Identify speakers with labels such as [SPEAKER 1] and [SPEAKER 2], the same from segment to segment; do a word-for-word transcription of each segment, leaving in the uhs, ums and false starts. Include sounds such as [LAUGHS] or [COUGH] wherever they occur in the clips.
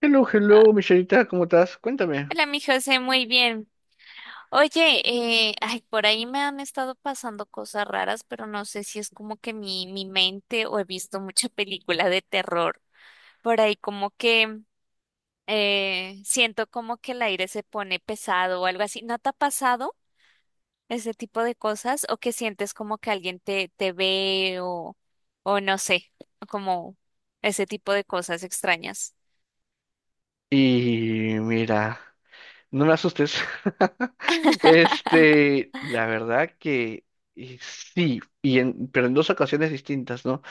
[SPEAKER 1] Hello,
[SPEAKER 2] Ah,
[SPEAKER 1] hello, Michelita, ¿cómo estás? Cuéntame.
[SPEAKER 2] hola, mi José, muy bien. Oye, eh, ay, por ahí me han estado pasando cosas raras, pero no sé si es como que mi, mi mente o he visto mucha película de terror. Por ahí como que eh, siento como que el aire se pone pesado o algo así. ¿No te ha pasado ese tipo de cosas? ¿O que sientes como que alguien te, te ve o, o no sé, como ese tipo de cosas extrañas?
[SPEAKER 1] Y mira, no me asustes. [LAUGHS]
[SPEAKER 2] [LAUGHS]
[SPEAKER 1] Este, la verdad que y sí, y en, pero en dos ocasiones distintas, ¿no?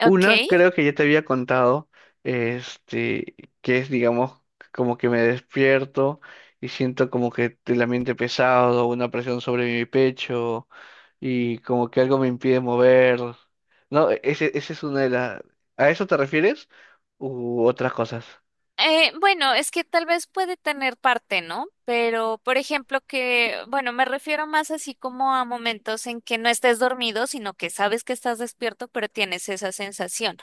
[SPEAKER 2] Ok.
[SPEAKER 1] Una, creo que ya te había contado, este, que es, digamos, como que me despierto y siento como que el ambiente pesado, una presión sobre mi pecho. Y como que algo me impide mover. No, ese, ese es una de las... ¿A eso te refieres? U otras cosas.
[SPEAKER 2] Eh, bueno, es que tal vez puede tener parte, ¿no? Pero, por ejemplo, que, bueno, me refiero más así como a momentos en que no estés dormido, sino que sabes que estás despierto, pero tienes esa sensación.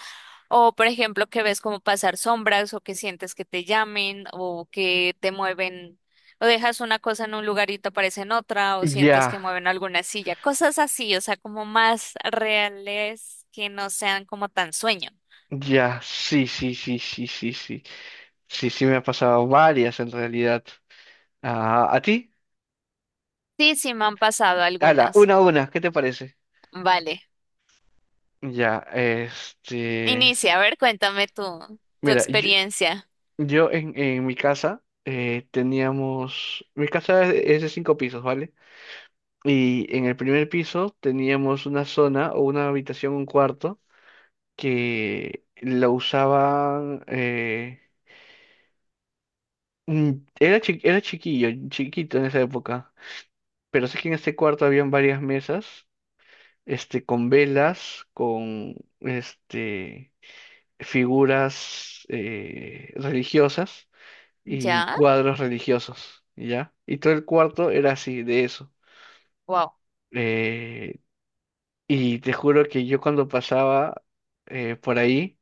[SPEAKER 2] O, por ejemplo, que ves como pasar sombras o que sientes que te llamen o que te mueven o dejas una cosa en un lugar y te aparece en otra o sientes
[SPEAKER 1] Ya,
[SPEAKER 2] que mueven alguna silla. Cosas así, o sea, como más reales que no sean como tan sueño.
[SPEAKER 1] ya, sí, sí, sí, sí, sí, sí. Sí, sí me ha pasado varias en realidad. Ah, ¿a ti?
[SPEAKER 2] Sí, sí, me han pasado
[SPEAKER 1] Hala,
[SPEAKER 2] algunas.
[SPEAKER 1] una a una, ¿qué te parece?
[SPEAKER 2] Vale.
[SPEAKER 1] Ya, este...
[SPEAKER 2] Inicia, a ver, cuéntame tu, tu
[SPEAKER 1] Mira, yo,
[SPEAKER 2] experiencia.
[SPEAKER 1] yo en, en mi casa eh, teníamos... Mi casa es es de cinco pisos, ¿vale? Y en el primer piso teníamos una zona o una habitación, un cuarto. Que la usaban. eh, mm, era, chi- era chiquillo, chiquito en esa época. Pero sé que en este cuarto habían varias mesas, este, con velas, con este, figuras eh, religiosas y
[SPEAKER 2] ¿Ya?
[SPEAKER 1] cuadros religiosos, ¿ya? Y todo el cuarto era así, de eso.
[SPEAKER 2] Wow.
[SPEAKER 1] Eh, y te juro que yo cuando pasaba eh, por ahí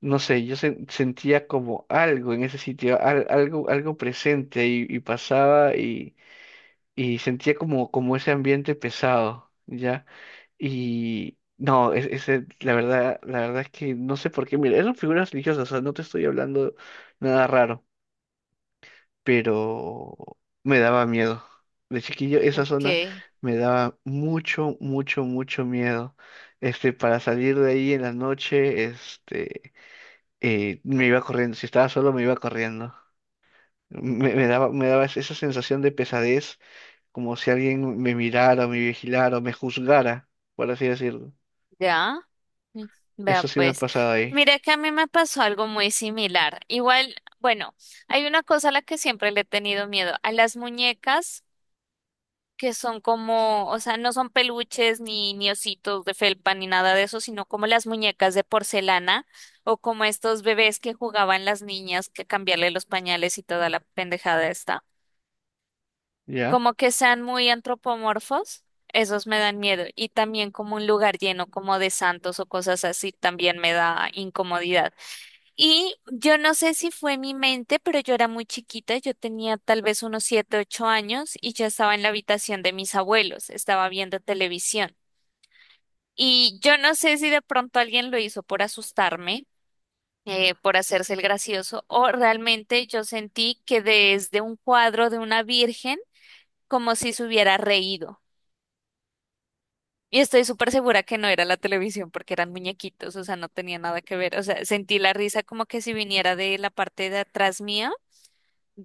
[SPEAKER 1] no sé, yo sen- sentía como algo en ese sitio, al- algo, algo presente y, y pasaba y, y sentía como, como ese ambiente pesado, ¿ya? Y no, es- ese, la verdad, la verdad es que no sé por qué, mira, eran figuras religiosas, o sea, no te estoy hablando nada raro, pero me daba miedo. De chiquillo, esa
[SPEAKER 2] Ok,
[SPEAKER 1] zona me daba mucho, mucho, mucho miedo. Este, para salir de ahí en la noche, este eh, me iba corriendo, si estaba solo me iba corriendo. Me, me daba, me daba esa sensación de pesadez, como si alguien me mirara, me vigilara, me juzgara, por así decirlo.
[SPEAKER 2] ya. Mm, vea
[SPEAKER 1] Eso sí me ha
[SPEAKER 2] pues.
[SPEAKER 1] pasado ahí,
[SPEAKER 2] Mira que a mí me pasó algo muy similar. Igual, bueno, hay una cosa a la que siempre le he tenido miedo, a las muñecas que son como, o sea, no son peluches ni, ni ositos de felpa ni nada de eso, sino como las muñecas de porcelana o como estos bebés que jugaban las niñas que cambiarle los pañales y toda la pendejada esta.
[SPEAKER 1] ¿ya?
[SPEAKER 2] Como que sean muy antropomorfos, esos me dan miedo. Y también como un lugar lleno como de santos o cosas así, también me da incomodidad. Y yo no sé si fue mi mente, pero yo era muy chiquita, yo tenía tal vez unos siete, ocho años y ya estaba en la habitación de mis abuelos, estaba viendo televisión. Y yo no sé si de pronto alguien lo hizo por asustarme, eh, por hacerse el gracioso, o realmente yo sentí que desde un cuadro de una virgen, como si se hubiera reído. Y estoy súper segura que no era la televisión porque eran muñequitos, o sea, no tenía nada que ver. O sea, sentí la risa como que si viniera de la parte de atrás mía,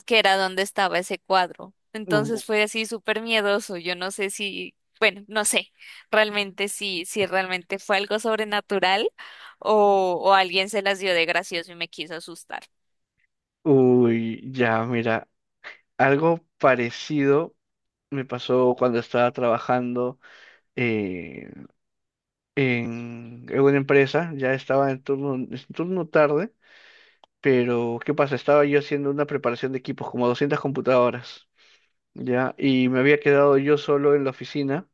[SPEAKER 2] que era donde estaba ese cuadro. Entonces
[SPEAKER 1] U-
[SPEAKER 2] fue así súper miedoso. Yo no sé si, bueno, no sé realmente si, si realmente fue algo sobrenatural o, o alguien se las dio de gracioso y me quiso asustar.
[SPEAKER 1] Uy, ya, mira, algo parecido me pasó cuando estaba trabajando eh, en, en una empresa, ya estaba en turno, en turno tarde, pero ¿qué pasa? Estaba yo haciendo una preparación de equipos, como doscientas computadoras. Ya, y me había quedado yo solo en la oficina,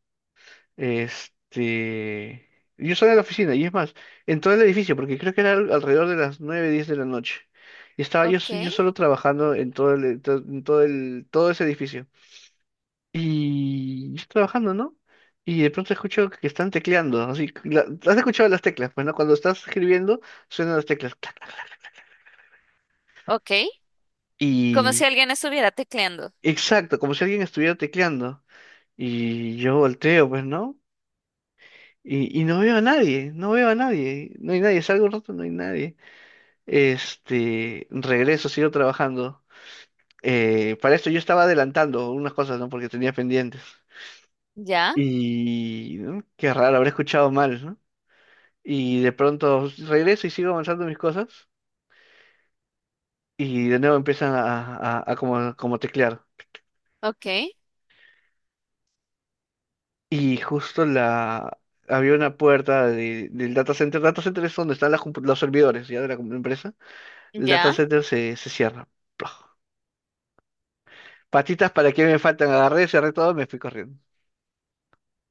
[SPEAKER 1] este, yo solo en la oficina, y es más, entré al edificio, porque creo que era al- alrededor de las nueve diez de la noche, y estaba yo,
[SPEAKER 2] Ok,
[SPEAKER 1] s- yo solo trabajando en todo el, en to- en todo el, todo ese edificio, y yo estoy trabajando, ¿no? Y de pronto escucho que están tecleando, así, la- has escuchado las teclas, pues, ¿no? Cuando estás escribiendo, suenan las teclas, clac, clac,
[SPEAKER 2] ok. Como si
[SPEAKER 1] y,
[SPEAKER 2] alguien estuviera tecleando.
[SPEAKER 1] exacto, como si alguien estuviera tecleando, y yo volteo, pues, ¿no? Y, y no veo a nadie, no veo a nadie, no hay nadie, salgo un rato, no hay nadie. Este, regreso, sigo trabajando. Eh, para esto yo estaba adelantando unas cosas, ¿no? Porque tenía pendientes.
[SPEAKER 2] Ya,
[SPEAKER 1] Y ¿no? Qué raro, habré escuchado mal, ¿no? Y de pronto regreso y sigo avanzando mis cosas. Y de nuevo empiezan a, a, a como, como teclear.
[SPEAKER 2] ok,
[SPEAKER 1] Y justo la había una puerta de- del data center. Data center es donde están las compu- los servidores ya de la compu- empresa. El data
[SPEAKER 2] ya.
[SPEAKER 1] center se, se cierra. Patitas para que me faltan, agarré, cerré todo, me fui corriendo.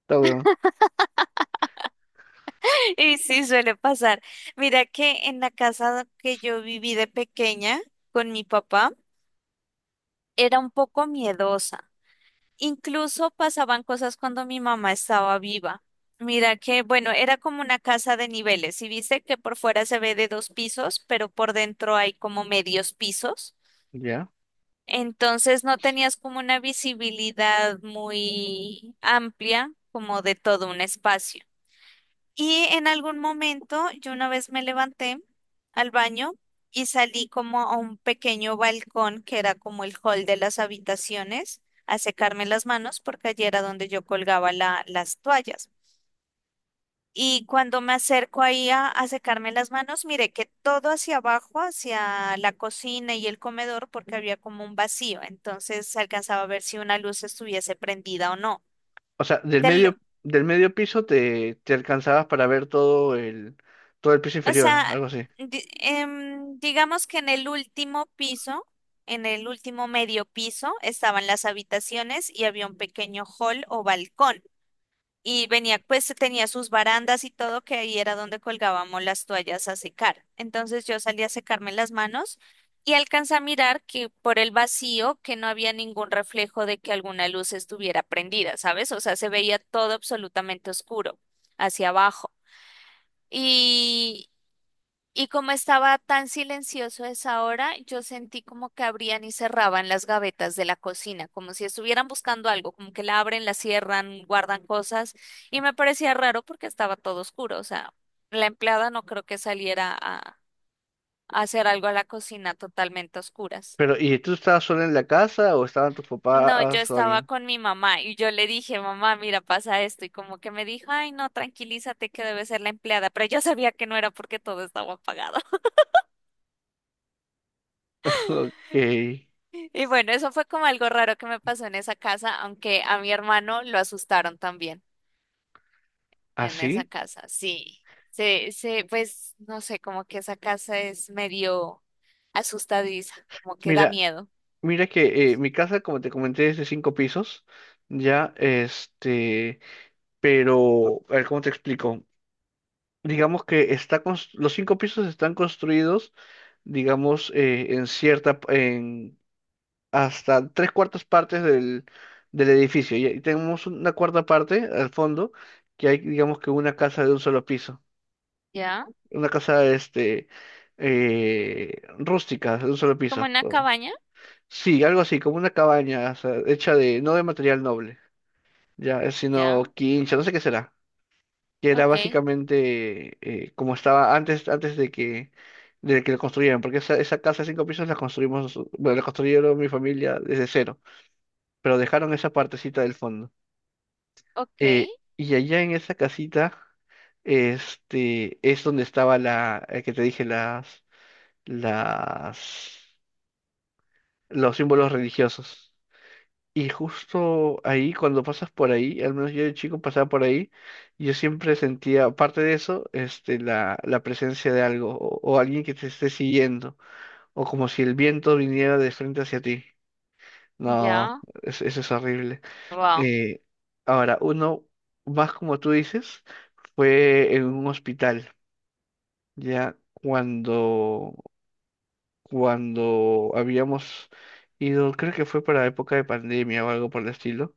[SPEAKER 1] Todo huevón.
[SPEAKER 2] [LAUGHS] Y sí, suele pasar. Mira que en la casa que yo viví de pequeña con mi papá, era un poco miedosa. Incluso pasaban cosas cuando mi mamá estaba viva. Mira que, bueno, era como una casa de niveles. Y viste que por fuera se ve de dos pisos, pero por dentro hay como medios pisos.
[SPEAKER 1] Ya.
[SPEAKER 2] Entonces no tenías como una visibilidad muy amplia, como de todo un espacio. Y en algún momento yo una vez me levanté al baño y salí como a un pequeño balcón que era como el hall de las habitaciones a secarme las manos porque allí era donde yo colgaba la- las toallas. Y cuando me acerco ahí a, a secarme las manos, miré que todo hacia abajo, hacia la cocina y el comedor, porque había como un vacío, entonces se alcanzaba a ver si una luz estuviese prendida o no.
[SPEAKER 1] O sea, del
[SPEAKER 2] Te lo-
[SPEAKER 1] medio, del medio piso te, te alcanzabas para ver todo el, todo el piso
[SPEAKER 2] O
[SPEAKER 1] inferior,
[SPEAKER 2] sea,
[SPEAKER 1] algo así.
[SPEAKER 2] di- em, digamos que en el último piso, en el último medio piso, estaban las habitaciones y había un pequeño hall o balcón. Y venía, pues tenía sus barandas y todo, que ahí era donde colgábamos las toallas a secar. Entonces yo salí a secarme las manos y alcancé a mirar que por el vacío que no había ningún reflejo de que alguna luz estuviera prendida, ¿sabes? O sea, se veía todo absolutamente oscuro hacia abajo. Y como estaba tan silencioso a esa hora, yo sentí como que abrían y cerraban las gavetas de la cocina, como si estuvieran buscando algo, como que la abren, la cierran, guardan cosas. Y me parecía raro porque estaba todo oscuro. O sea, la empleada no creo que saliera a, a hacer algo a la cocina totalmente a oscuras.
[SPEAKER 1] Pero, ¿y tú estabas sola en la casa o estaban tus
[SPEAKER 2] No, yo
[SPEAKER 1] papás o
[SPEAKER 2] estaba
[SPEAKER 1] alguien?
[SPEAKER 2] con mi mamá y yo le dije, mamá, mira, pasa esto. Y como que me dijo, ay, no, tranquilízate que debe ser la empleada. Pero yo sabía que no era porque todo estaba apagado.
[SPEAKER 1] [LAUGHS] Ok.
[SPEAKER 2] Y bueno, eso fue como algo raro que me pasó en esa casa, aunque a mi hermano lo asustaron también en esa
[SPEAKER 1] ¿Así?
[SPEAKER 2] casa. Sí, sí, sí, pues no sé, como que esa casa es medio asustadiza, como que da
[SPEAKER 1] Mira,
[SPEAKER 2] miedo.
[SPEAKER 1] mira que eh, mi casa, como te comenté, es de cinco pisos. Ya, este, pero, a ver, ¿cómo te explico? Digamos que está cons- los cinco pisos están construidos, digamos, eh, en cierta, en hasta tres cuartas partes del, del edificio. Y ahí tenemos una cuarta parte al fondo, que hay, digamos que una casa de un solo piso,
[SPEAKER 2] ¿Ya?
[SPEAKER 1] una casa, este, eh, rústica de un solo
[SPEAKER 2] ¿Como
[SPEAKER 1] piso.
[SPEAKER 2] una
[SPEAKER 1] o-
[SPEAKER 2] cabaña?
[SPEAKER 1] Sí, algo así, como una cabaña, o sea, hecha de, no de material noble, ya, eh, sino
[SPEAKER 2] Ya,
[SPEAKER 1] quincha, no sé qué será. Que era
[SPEAKER 2] ok,
[SPEAKER 1] básicamente eh, como estaba antes, antes de que, de que lo construyeran, porque esa, esa casa de cinco pisos la construimos, noso- bueno, la construyeron mi familia desde cero, pero dejaron esa partecita del fondo.
[SPEAKER 2] ok,
[SPEAKER 1] Eh, y allá en esa casita, este, es donde estaba la, eh, que te dije, las, las, los símbolos religiosos. Y justo ahí, cuando pasas por ahí, al menos yo de chico pasaba por ahí, yo siempre sentía, aparte de eso, este, la, la presencia de algo, o, o alguien que te esté siguiendo, o como si el viento viniera de frente hacia ti. No,
[SPEAKER 2] ya,
[SPEAKER 1] es- eso es horrible.
[SPEAKER 2] wow,
[SPEAKER 1] Eh, Ahora, uno, más como tú dices, fue en un hospital, ya cuando, cuando habíamos ido, creo que fue para época de pandemia o algo por el estilo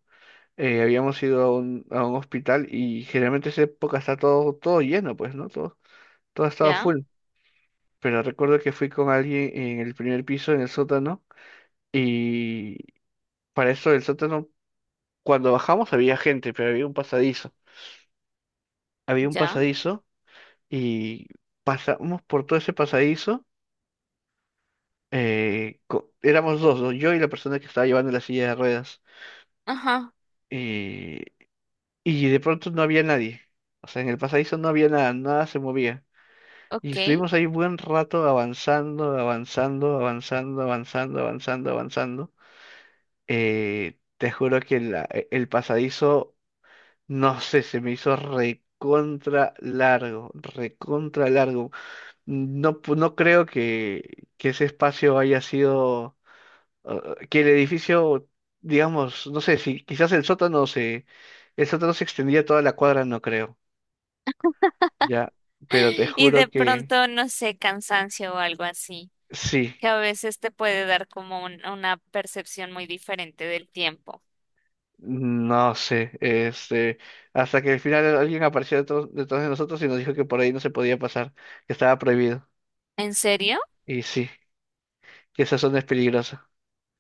[SPEAKER 1] eh, habíamos ido a un, a un hospital y generalmente esa época está todo, todo lleno, pues, ¿no? Todo, todo estaba
[SPEAKER 2] ya,
[SPEAKER 1] full. Pero recuerdo que fui con alguien en el primer piso, en el sótano, y para eso el sótano, cuando bajamos había gente, pero había un pasadizo. Había un
[SPEAKER 2] ya,
[SPEAKER 1] pasadizo y pasamos por todo ese pasadizo. eh, co- éramos dos, ¿no? Yo y la persona que estaba llevando la silla de ruedas.
[SPEAKER 2] ajá,
[SPEAKER 1] Y, y de pronto no había nadie. O sea, en el pasadizo no había nada, nada se movía. Y
[SPEAKER 2] ok.
[SPEAKER 1] estuvimos ahí
[SPEAKER 2] [GASPS]
[SPEAKER 1] buen rato avanzando, avanzando, avanzando, avanzando, avanzando, avanzando. Eh, te juro que la- e- el pasadizo, no sé, se me hizo recontra largo, recontra largo. No, pu- no creo que, que ese espacio haya sido, eh, que el edificio, digamos, no sé, si quizás el sótano se, el sótano se extendía toda la cuadra, no creo, ya, pero te
[SPEAKER 2] [LAUGHS] Y
[SPEAKER 1] juro
[SPEAKER 2] de
[SPEAKER 1] que
[SPEAKER 2] pronto, no sé, cansancio o algo así,
[SPEAKER 1] sí.
[SPEAKER 2] que a veces te puede dar como un- una percepción muy diferente del tiempo.
[SPEAKER 1] No sé, este, hasta que al final alguien apareció detrás, detrás de nosotros y nos dijo que por ahí no se podía pasar, que estaba prohibido.
[SPEAKER 2] ¿En serio?
[SPEAKER 1] Y sí, que esa zona es peligrosa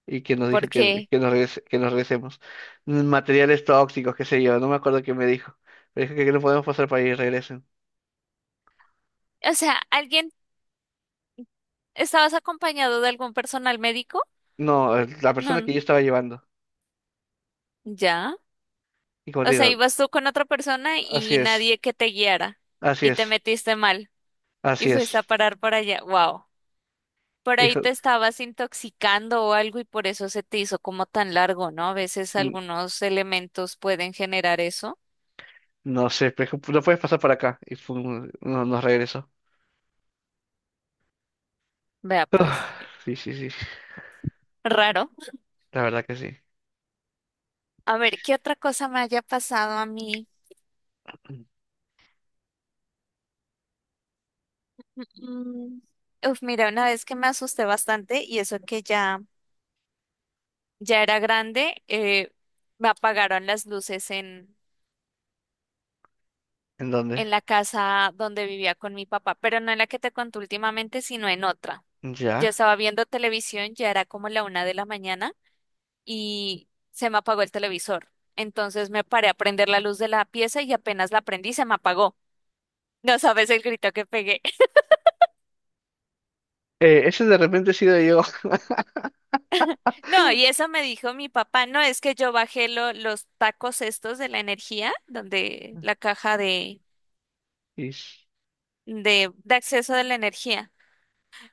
[SPEAKER 1] y que nos dijo
[SPEAKER 2] ¿Por
[SPEAKER 1] que,
[SPEAKER 2] qué?
[SPEAKER 1] que nos regrese- que nos regresemos. Mm, Materiales tóxicos, qué sé yo, no me acuerdo qué me dijo. Pero dijo que no podemos pasar por ahí y regresen.
[SPEAKER 2] O sea, ¿alguien estabas acompañado de algún personal médico?
[SPEAKER 1] No, eh, la
[SPEAKER 2] No,
[SPEAKER 1] persona que yo
[SPEAKER 2] n-
[SPEAKER 1] estaba llevando.
[SPEAKER 2] ya.
[SPEAKER 1] Y como te
[SPEAKER 2] O sea,
[SPEAKER 1] digo,
[SPEAKER 2] ibas tú con otra persona
[SPEAKER 1] así
[SPEAKER 2] y
[SPEAKER 1] es,
[SPEAKER 2] nadie que te guiara
[SPEAKER 1] así
[SPEAKER 2] y te
[SPEAKER 1] es,
[SPEAKER 2] metiste mal y
[SPEAKER 1] así
[SPEAKER 2] fuiste a
[SPEAKER 1] es.
[SPEAKER 2] parar por allá. Wow. Por ahí
[SPEAKER 1] Dijo,
[SPEAKER 2] te estabas intoxicando o algo y por eso se te hizo como tan largo, ¿no? A veces
[SPEAKER 1] "N-
[SPEAKER 2] algunos elementos pueden generar eso.
[SPEAKER 1] no sé, pero no puedes pasar por acá." Y fue un- no, nos regresó.
[SPEAKER 2] Vea
[SPEAKER 1] [SIGHS] Ah,
[SPEAKER 2] pues,
[SPEAKER 1] sí, sí, sí.
[SPEAKER 2] raro.
[SPEAKER 1] La verdad que sí.
[SPEAKER 2] A ver, ¿qué otra cosa me haya pasado a mí? Mm, uf, mira, una vez que me asusté bastante y eso que ya, ya era grande, eh, me apagaron las luces en,
[SPEAKER 1] ¿En dónde?
[SPEAKER 2] en la casa donde vivía con mi papá, pero no en la que te conté últimamente, sino en otra. Yo
[SPEAKER 1] Ya.
[SPEAKER 2] estaba viendo televisión, ya era como la una de la mañana y se me apagó el televisor. Entonces me paré a prender la luz de la pieza y apenas la prendí se me apagó. No sabes el grito que pegué.
[SPEAKER 1] Eh, ese de repente he sido yo.
[SPEAKER 2] No, y eso me dijo mi papá, no, es que yo bajé lo- los tacos estos de la energía, donde la
[SPEAKER 1] [LAUGHS]
[SPEAKER 2] caja de,
[SPEAKER 1] Y s-
[SPEAKER 2] de, de acceso de la energía.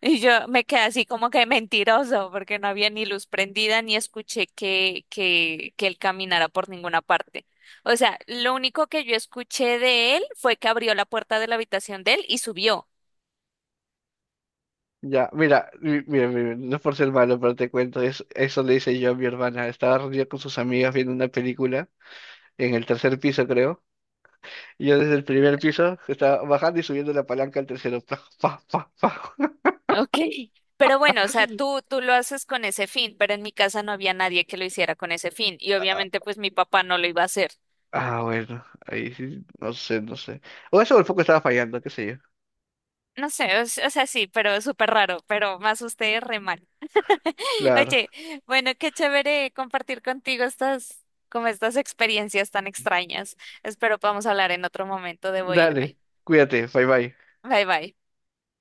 [SPEAKER 2] Y yo me quedé así como que mentiroso, porque no había ni luz prendida, ni escuché que, que, que él caminara por ninguna parte. O sea, lo único que yo escuché de él fue que abrió la puerta de la habitación de él y subió.
[SPEAKER 1] ya, mira, mi- mira, mira, no es por ser malo, pero te cuento, es- eso le hice yo a mi hermana. Estaba reunida con sus amigas viendo una película en el tercer piso, creo. Y yo desde el primer piso estaba bajando y subiendo la palanca al tercero. [LAUGHS] Pa, pa, pa, pa.
[SPEAKER 2] Ok. Pero bueno, o sea, tú, tú lo haces con ese fin, pero en mi casa no había nadie que lo hiciera con ese fin y
[SPEAKER 1] Ah,
[SPEAKER 2] obviamente pues mi papá no lo iba a hacer.
[SPEAKER 1] ah, bueno, ahí sí, no sé, no sé. O eso o el foco estaba fallando, qué sé yo.
[SPEAKER 2] No sé, o, s- o sea, sí, pero súper raro, pero me asusté re mal. [LAUGHS]
[SPEAKER 1] Claro.
[SPEAKER 2] Oye, bueno, qué chévere compartir contigo estas, como estas experiencias tan extrañas. Espero podamos hablar en otro momento. Debo
[SPEAKER 1] Dale,
[SPEAKER 2] irme.
[SPEAKER 1] cuídate, bye bye.
[SPEAKER 2] Bye bye.